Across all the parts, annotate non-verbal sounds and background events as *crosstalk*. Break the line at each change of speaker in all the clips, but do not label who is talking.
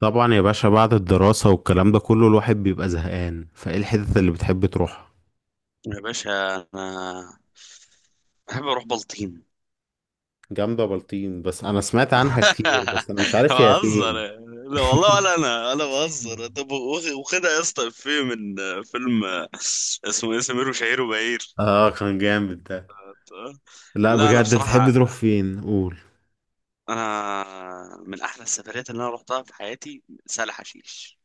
طبعا يا باشا، بعد الدراسة والكلام ده كله الواحد بيبقى زهقان، فايه الحتت اللي بتحب تروحها؟
يا باشا، انا بحب اروح بلطيم.
جامدة بلطيم، بس انا سمعت عنها كتير،
*laughs*
بس انا مش عارف هي
بهزر.
فين.
لا والله. ولا
*laughs*
انا بهزر. طب واخدها يا اسطى؟ افيه من فيلم اسمه ايه؟ سمير وشهير وبهير.
اه كان جامد ده. لا
لا انا
بجد، بتحب
بصراحه،
تروح فين قول؟
انا من احلى السفريات اللي انا رحتها في حياتي سهل حشيش.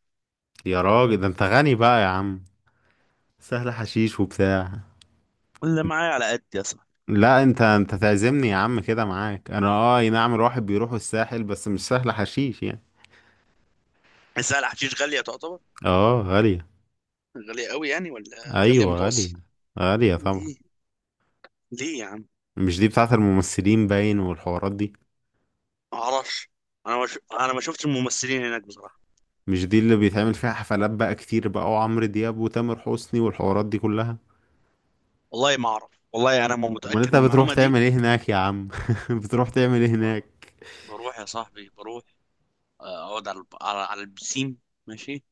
يا راجل ده انت غني بقى يا عم، سهل حشيش وبتاع.
ولا معايا على قد يا صاحبي.
لا انت تعزمني يا عم كده معاك، انا أي نعم، الواحد بيروح الساحل بس مش سهل حشيش يعني.
سهل حشيش غاليه تعتبر.
اه غالية.
غاليه قوي يعني ولا غاليه
ايوه غالية.
متوسط؟
غالية طبعا.
ليه؟ ليه يا عم؟
مش دي بتاعت الممثلين باين والحوارات دي؟
ما اعرفش. انا ما شفتش الممثلين هناك بصراحه.
مش دي اللي بيتعمل فيها حفلات بقى كتير بقى، وعمرو دياب وتامر حسني والحوارات دي كلها؟
والله ما اعرف، والله انا ما
امال
متاكد
انت
من
بتروح
المعلومه دي.
تعمل ايه هناك يا عم؟ *laughs* بتروح تعمل ايه
ب-
هناك؟
بروح يا صاحبي، بروح. آه، اقعد على على على البسين، ماشي،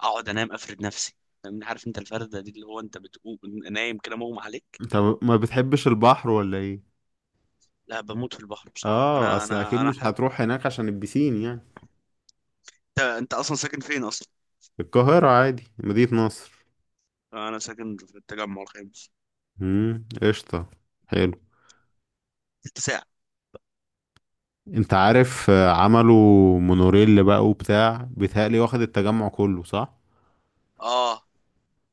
اقعد انام افرد نفسي، فاهمني؟ عارف انت الفرده دي اللي هو انت بتقوم نايم كده مغمى عليك.
انت ما بتحبش البحر ولا ايه؟
لا، بموت في البحر بصراحه،
اه،
انا
اصل اكيد
انا انا
مش
حاجه.
هتروح هناك عشان البسين يعني.
انت اصلا ساكن فين اصلا؟
القاهرة عادي، مدينة نصر.
انا ساكن في التجمع الخامس.
امم، قشطة. حلو.
ست ساعه.
انت عارف، عملوا مونوريل بقى وبتاع، بيتهيألي واخد التجمع كله، صح؟
اه،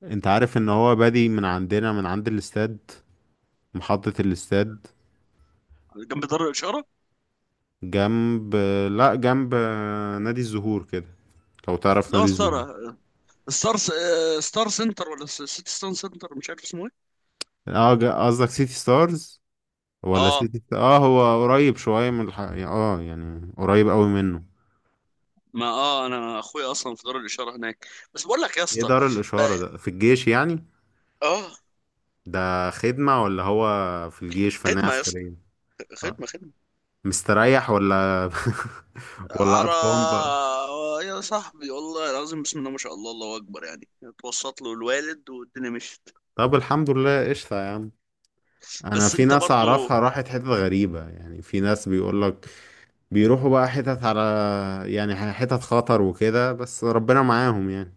انت عارف ان هو بادي من عندنا، من عند الاستاد. محطة الاستاد.
جنب دار الاشاره.
جنب. لا، نادي الزهور كده. لو تعرف
لا،
نادي
ستار،
الزهور.
ستار، ستار سنتر ولا سيتي ستار سنتر، مش عارف اسمه ايه.
اه، قصدك سيتي ستارز؟ ولا
اه،
سيتي، هو قريب شوية من الح... يعني، اه يعني قريب قوي منه.
ما اه، انا اخويا اصلا في دار الاشاره هناك. بس بقول لك يا
ايه
اسطى،
دار
ب-
الإشارة ده، في الجيش يعني؟
اه،
ده خدمة ولا هو في الجيش فنية
خدمه يا اسطى،
عسكرية؟ اه،
خدمه خدمه.
مستريح ولا *laughs* ولا
على،
قرفان بقى؟
يا صاحبي والله العظيم بسم الله ما شاء الله الله اكبر، يعني اتوسط له الوالد والدنيا مشيت.
طب الحمد لله، قشطة يا عم. انا
بس
في
انت
ناس
برضو،
اعرفها راحت حتت غريبة، يعني في ناس بيقولك بيروحوا بقى حتت على، يعني حتت خطر وكده، بس ربنا معاهم يعني.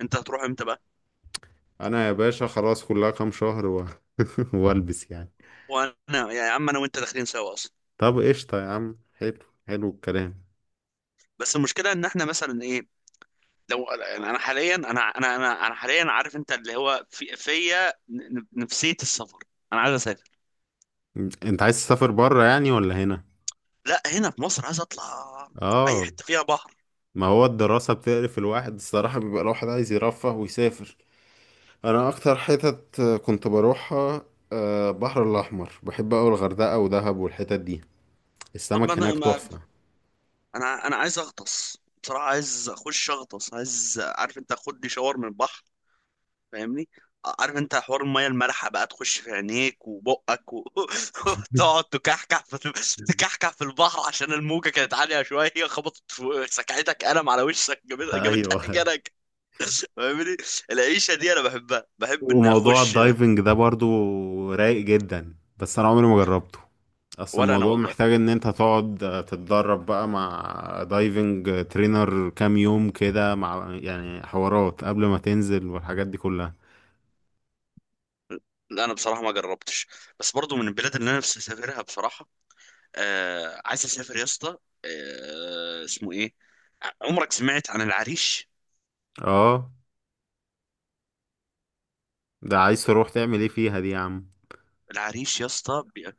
انت هتروح امتى بقى؟
انا يا باشا خلاص، كلها كام شهر و *laughs* والبس يعني.
وانا يعني يا عم، انا وانت داخلين سوا اصلا.
طب قشطة يا عم، حلو. حلو الكلام.
بس المشكله ان احنا مثلا ايه، لو يعني انا حاليا، انا حاليا، عارف انت اللي هو في فيا نفسيه السفر. انا عايز اسافر.
انت عايز تسافر بره يعني ولا هنا؟
لا، هنا في مصر، عايز اطلع اي
اه.
حته فيها بحر.
ما هو الدراسة بتقرف الواحد الصراحة، بيبقى الواحد عايز يرفه ويسافر. انا اكتر حتت كنت بروحها، البحر الاحمر، بحب اوي الغردقة ودهب والحتت دي.
طب ما
السمك
انا
هناك
ما
تحفة.
انا عايز اغطس بصراحه، عايز اخش اغطس، عايز، عارف انت، اخد لي شاور من البحر، فاهمني؟ عارف انت حوار الميه المالحه بقى تخش في عينيك وبقك *laughs* وتقعد تكحكح في
*laughs*
تكحكح في البحر عشان الموجه كانت عاليه شويه، خبطت في سكعتك قلم على وشك،
ايوه.
جابتها *laughs* جنك، فاهمني؟ العيشه دي انا بحبها، بحب ان
وموضوع
اخش.
الدايفنج ده برضو رايق جدا، بس انا عمري ما جربته. اصل
ولا انا
الموضوع
والله،
محتاج ان انت تقعد تتدرب بقى مع دايفنج ترينر كام يوم كده، مع يعني حوارات قبل ما تنزل والحاجات دي كلها.
لا انا بصراحه ما جربتش، بس برضو من البلاد اللي انا نفسي اسافرها بصراحه. آه، عايز اسافر يا اسطى. آه، اسمه ايه، عمرك سمعت عن العريش؟
اه، ده عايز تروح تعمل ايه فيها دي يا عم؟
العريش يا اسطى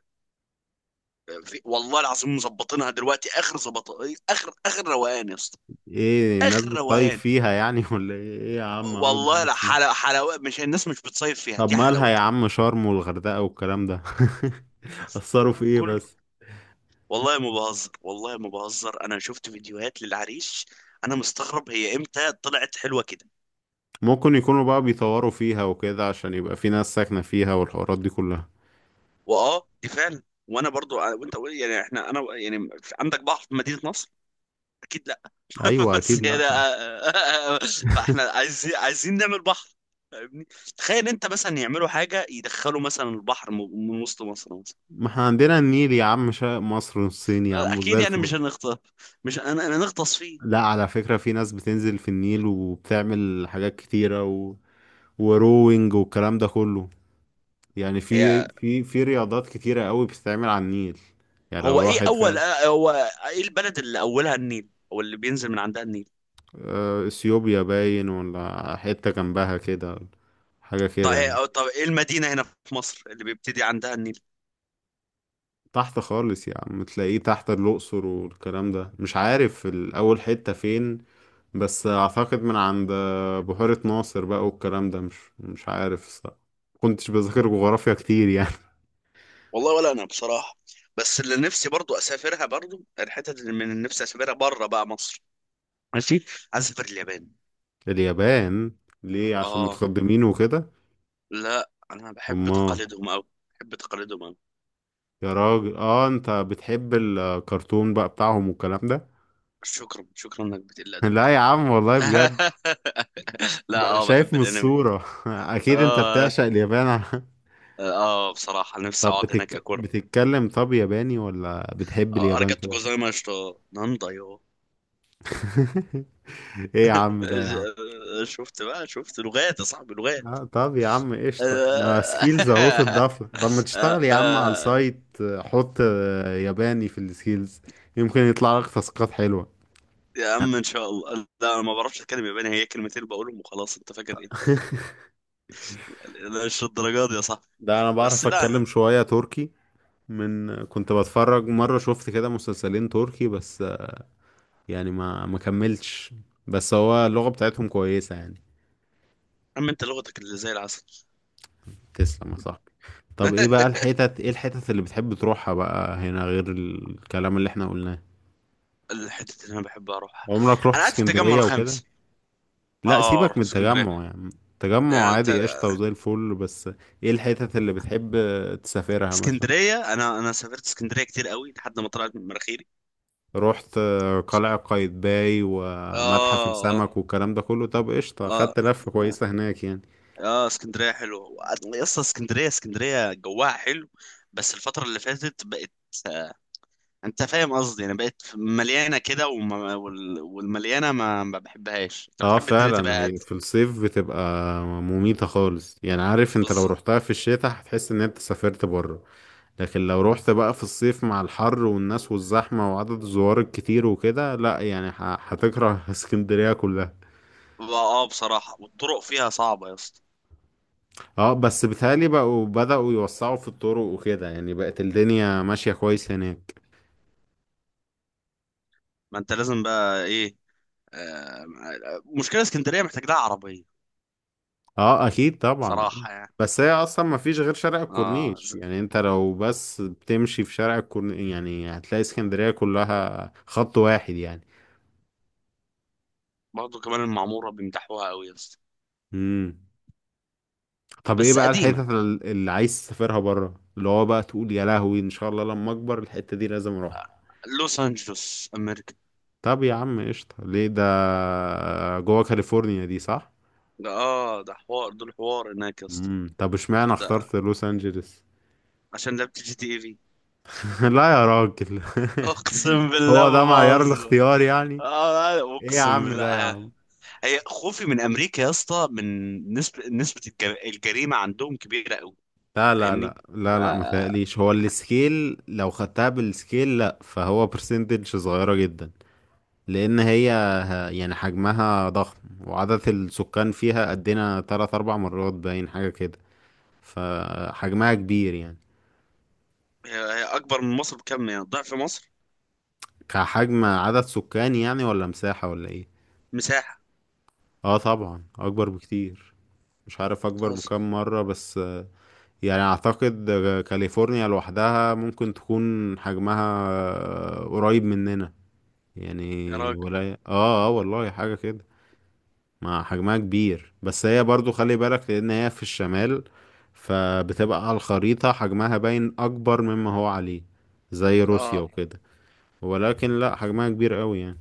والله العظيم مظبطينها دلوقتي اخر ظبط، اخر روقان يا اسطى،
ايه، الناس
اخر
بتطايف
روقان.
فيها يعني؟ *laughs* ولا ايه؟ إيه يا عم، اول
والله
مرة
لا،
اسمع.
حلاوه حلاوه، مش الناس مش بتصيف فيها
طب
دي
مالها يا
حلاوتها.
عم، شرم والغردقة والكلام ده *laughs* اثروا في ايه
كله
بس؟
والله ما بهزر، والله ما بهزر، انا شفت فيديوهات للعريش. انا مستغرب هي امتى طلعت حلوه كده.
ممكن يكونوا بقى بيطوروا فيها وكده عشان يبقى في ناس ساكنة فيها، والحوارات دي كلها.
واه، دي فعلا. وانا برضو وانت يعني احنا، انا يعني، عندك بحر في مدينه نصر؟ اكيد. *laughs*
ايوه اكيد.
بس
لا،
يعني، بقى احنا عايزين، عايزين نعمل بحر، فاهمني؟ تخيل انت مثلا يعملوا حاجه يدخلوا مثلا البحر من وسط مصر مثلا.
ما احنا عندنا النيل يا عم، شرق مصر والصين يا عم، وزي
اكيد يعني مش
الفل.
هنغطس، مش انا نغطس فيه.
لا على فكرة، في ناس بتنزل في النيل وبتعمل حاجات كتيرة وروينج والكلام ده كله. يعني في
هي،
رياضات كتيرة قوي بتتعمل على النيل، يعني لو
هو ايه
الواحد
اول
فاهم.
هو ايه البلد اللي اولها النيل او اللي بينزل من عندها النيل؟
اثيوبيا باين ولا حتة جنبها كده، حاجة
طب
كده يعني.
ايه، طب ايه المدينه هنا في مصر اللي بيبتدي عندها النيل؟
تحت خالص يا عم، تلاقيه تحت الأقصر والكلام ده، مش عارف الأول حتة فين، بس أعتقد من عند بحيرة ناصر بقى والكلام ده، مش عارف الصراحة. كنتش بذاكر جغرافيا كتير يعني.
والله ولا انا بصراحه. بس اللي نفسي برضو اسافرها برضو، الحتت اللي من نفسي اسافرها بره بقى مصر، ماشي، عايز اسافر اليابان.
*laughs* اليابان؟ ليه، عشان
اه،
متقدمين وكده؟
لا انا بحب
أمال.
تقاليدهم قوي، بحب تقاليدهم قوي.
يا راجل، انت بتحب الكرتون بقى بتاعهم والكلام ده.
شكرا شكرا انك بتقل
*laughs*
ادبك
لا
كده.
يا عم والله بجد.
*laughs* لا
ما انا
اه،
شايف
بحب
من
الانمي.
الصورة *laughs* اكيد انت
اه،
بتعشق اليابان. *laughs*
اه بصراحة نفسي
طب
اقعد هناك اكل.
بتتكلم طب ياباني، ولا بتحب اليابان
ارجعت
كده؟
جوزايما اشتو ناندا يو.
*laughs* ايه يا عم ده يا عم.
*laughs* شفت بقى، شفت لغات يا صاحبي، لغات.
آه، طب يا عم قشطة، ما
آه.
سكيلز اهو تضاف لك، طب ما
*laughs*
تشتغل
آه،
يا عم على
آه.
السايت، حط ياباني في السكيلز. يمكن يطلع لك تاسكات حلوة.
يا عم ان شاء الله، لا انا ما بعرفش اتكلم ياباني، هي كلمتين بقولهم وخلاص، انت فاكر ايه؟ لا مش الدرجات دي يا صاحبي.
ده انا
بس
بعرف
لا، يا
اتكلم شوية تركي، من كنت بتفرج مرة، شفت كده مسلسلين تركي، بس يعني ما كملتش، بس هو اللغة بتاعتهم كويسة يعني.
عم انت لغتك اللي زي العسل.
تسلم يا صاحبي. طب ايه بقى
*laughs*
الحتت، ايه الحتت اللي بتحب تروحها بقى هنا، غير الكلام اللي احنا قلناه؟
الحتة اللي أنا بحب أروحها،
عمرك رحت
أنا قاعد في التجمع
اسكندرية وكده؟
الخامس.
لا،
آه،
سيبك
رحت
من
اسكندرية.
التجمع يعني. تجمع
يعني
عادي، قشطة وزي الفل، بس ايه الحتت اللي بتحب تسافرها مثلا؟
اسكندرية، أنا سافرت اسكندرية كتير قوي لحد ما طلعت من مناخيري.
رحت قلعة قايتباي
آه،
ومتحف
آه،
السمك والكلام ده كله؟ طب قشطة، خدت
آه،
لفة كويسة هناك يعني.
آه اسكندرية حلوة يا اسطى، اسكندرية، اسكندرية جواها حلو، بس الفترة اللي فاتت بقت آه، أنت فاهم قصدي، يعني بقت مليانة كده والمليانة ما بحبهاش، أنت
اه
بتحب الدنيا
فعلا،
تبقى
هي في
هادية.
الصيف بتبقى مميتة خالص يعني، عارف انت، لو
بس
رحتها في الشتاء هتحس ان انت سافرت بره. لكن لو روحت بقى في الصيف مع الحر والناس والزحمة وعدد الزوار الكتير وكده، لا يعني هتكره *laughs* اسكندرية كلها.
اه، بصراحة والطرق فيها صعبة يا اسطى.
اه، بس بيتهيألي بقوا بدأوا يوسعوا في الطرق وكده، يعني بقت الدنيا ماشية كويس هناك.
ما انت لازم بقى ايه، آه، مشكلة اسكندرية محتاج لها عربية
اه اكيد طبعا.
بصراحة يعني.
بس هي اصلا ما فيش غير شارع
اه
الكورنيش، يعني انت لو بس بتمشي في شارع الكورنيش، يعني هتلاقي اسكندرية كلها خط واحد يعني.
برضه كمان المعمورة بيمدحوها قوي يا اسطى،
امم. طب ايه
بس
بقى
قديمة.
الحتت اللي عايز تسافرها بره، اللي هو بقى تقول يا لهوي ان شاء الله لما اكبر الحتة دي لازم اروحها؟
لوس أنجلوس أمريكا.
طب يا عم قشطة، ليه ده؟ جوه كاليفورنيا دي صح؟
ده اه، ده حوار، دول حوار هناك يا اسطى.
امم، طب اشمعنى
ده
اخترت لوس انجلس؟
عشان لعبت جي تي اي في.
*laughs* لا يا راجل.
*laughs*
*laughs*
اقسم
هو
بالله
ده
ما
معيار
بهزر.
الاختيار يعني؟
آه،
ايه يا
اقسم
عم
بالله.
ده يا عم.
هي خوفي من امريكا يا اسطى، من نسبة الجريمة عندهم كبيرة قوي،
لا لا
فاهمني؟
لا
ف-
لا لا، ما تقليش، هو السكيل، لو خدتها بالسكيل لا، فهو برسنتج صغيرة جدا، لان هي يعني حجمها ضخم، وعدد السكان فيها قدنا 3 4 مرات باين، حاجة كده، فحجمها كبير يعني.
هي اكبر من مصر بكم، يعني ضعف مصر؟
كحجم عدد سكان يعني، ولا مساحة، ولا ايه؟
مساحة.
اه طبعا، أكبر بكتير. مش عارف أكبر
بتهزر؟
بكام مرة بس. يعني أعتقد كاليفورنيا لوحدها ممكن تكون حجمها قريب مننا يعني،
يا راجل.
ولا اه والله، حاجة كده. ما حجمها كبير، بس هي برضو خلي بالك، لان هي في الشمال، فبتبقى على الخريطة حجمها باين اكبر مما هو عليه، زي روسيا
اه،
وكده. ولكن لا، حجمها كبير قوي يعني.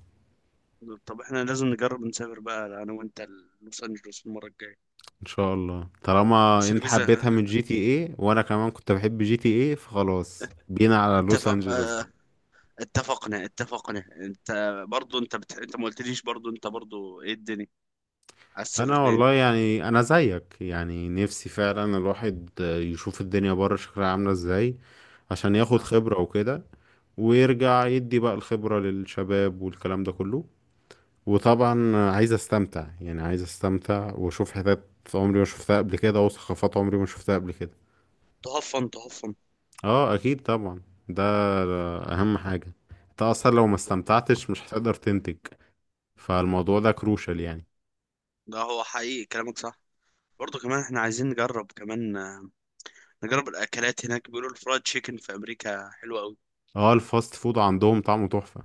طب احنا لازم نجرب نسافر بقى انا وانت لوس انجلوس المره الجايه.
ان شاء الله، طالما
بس
انت
الفيزا.
حبيتها من GTA، وانا كمان كنت بحب GTA، فخلاص بينا على لوس
اتفق،
انجلوس بقى.
اتفقنا، اتفقنا. انت برضو انت ما قلتليش، برضو انت برضو ايه، الدنيا عايز تسافر
انا
فين؟
والله يعني انا زيك يعني، نفسي فعلا الواحد يشوف الدنيا بره شكلها عاملة ازاي، عشان ياخد
اه،
خبرة وكده، ويرجع يدي بقى الخبرة للشباب والكلام ده كله. وطبعا عايز استمتع، يعني عايز استمتع واشوف حتت عمري ما شفتها قبل كده، وثقافات عمري ما شفتها قبل كده.
تهفن تهفن.
اه اكيد طبعا، ده اهم حاجة. انت اصلا لو ما استمتعتش مش هتقدر تنتج، فالموضوع ده كروشال يعني.
ده هو حقيقي، كلامك صح. برضو كمان احنا عايزين نجرب كمان نجرب الاكلات هناك، بيقولوا الفرايد تشيكن في امريكا حلوه.
اه، الفاست فود عندهم طعمه تحفة.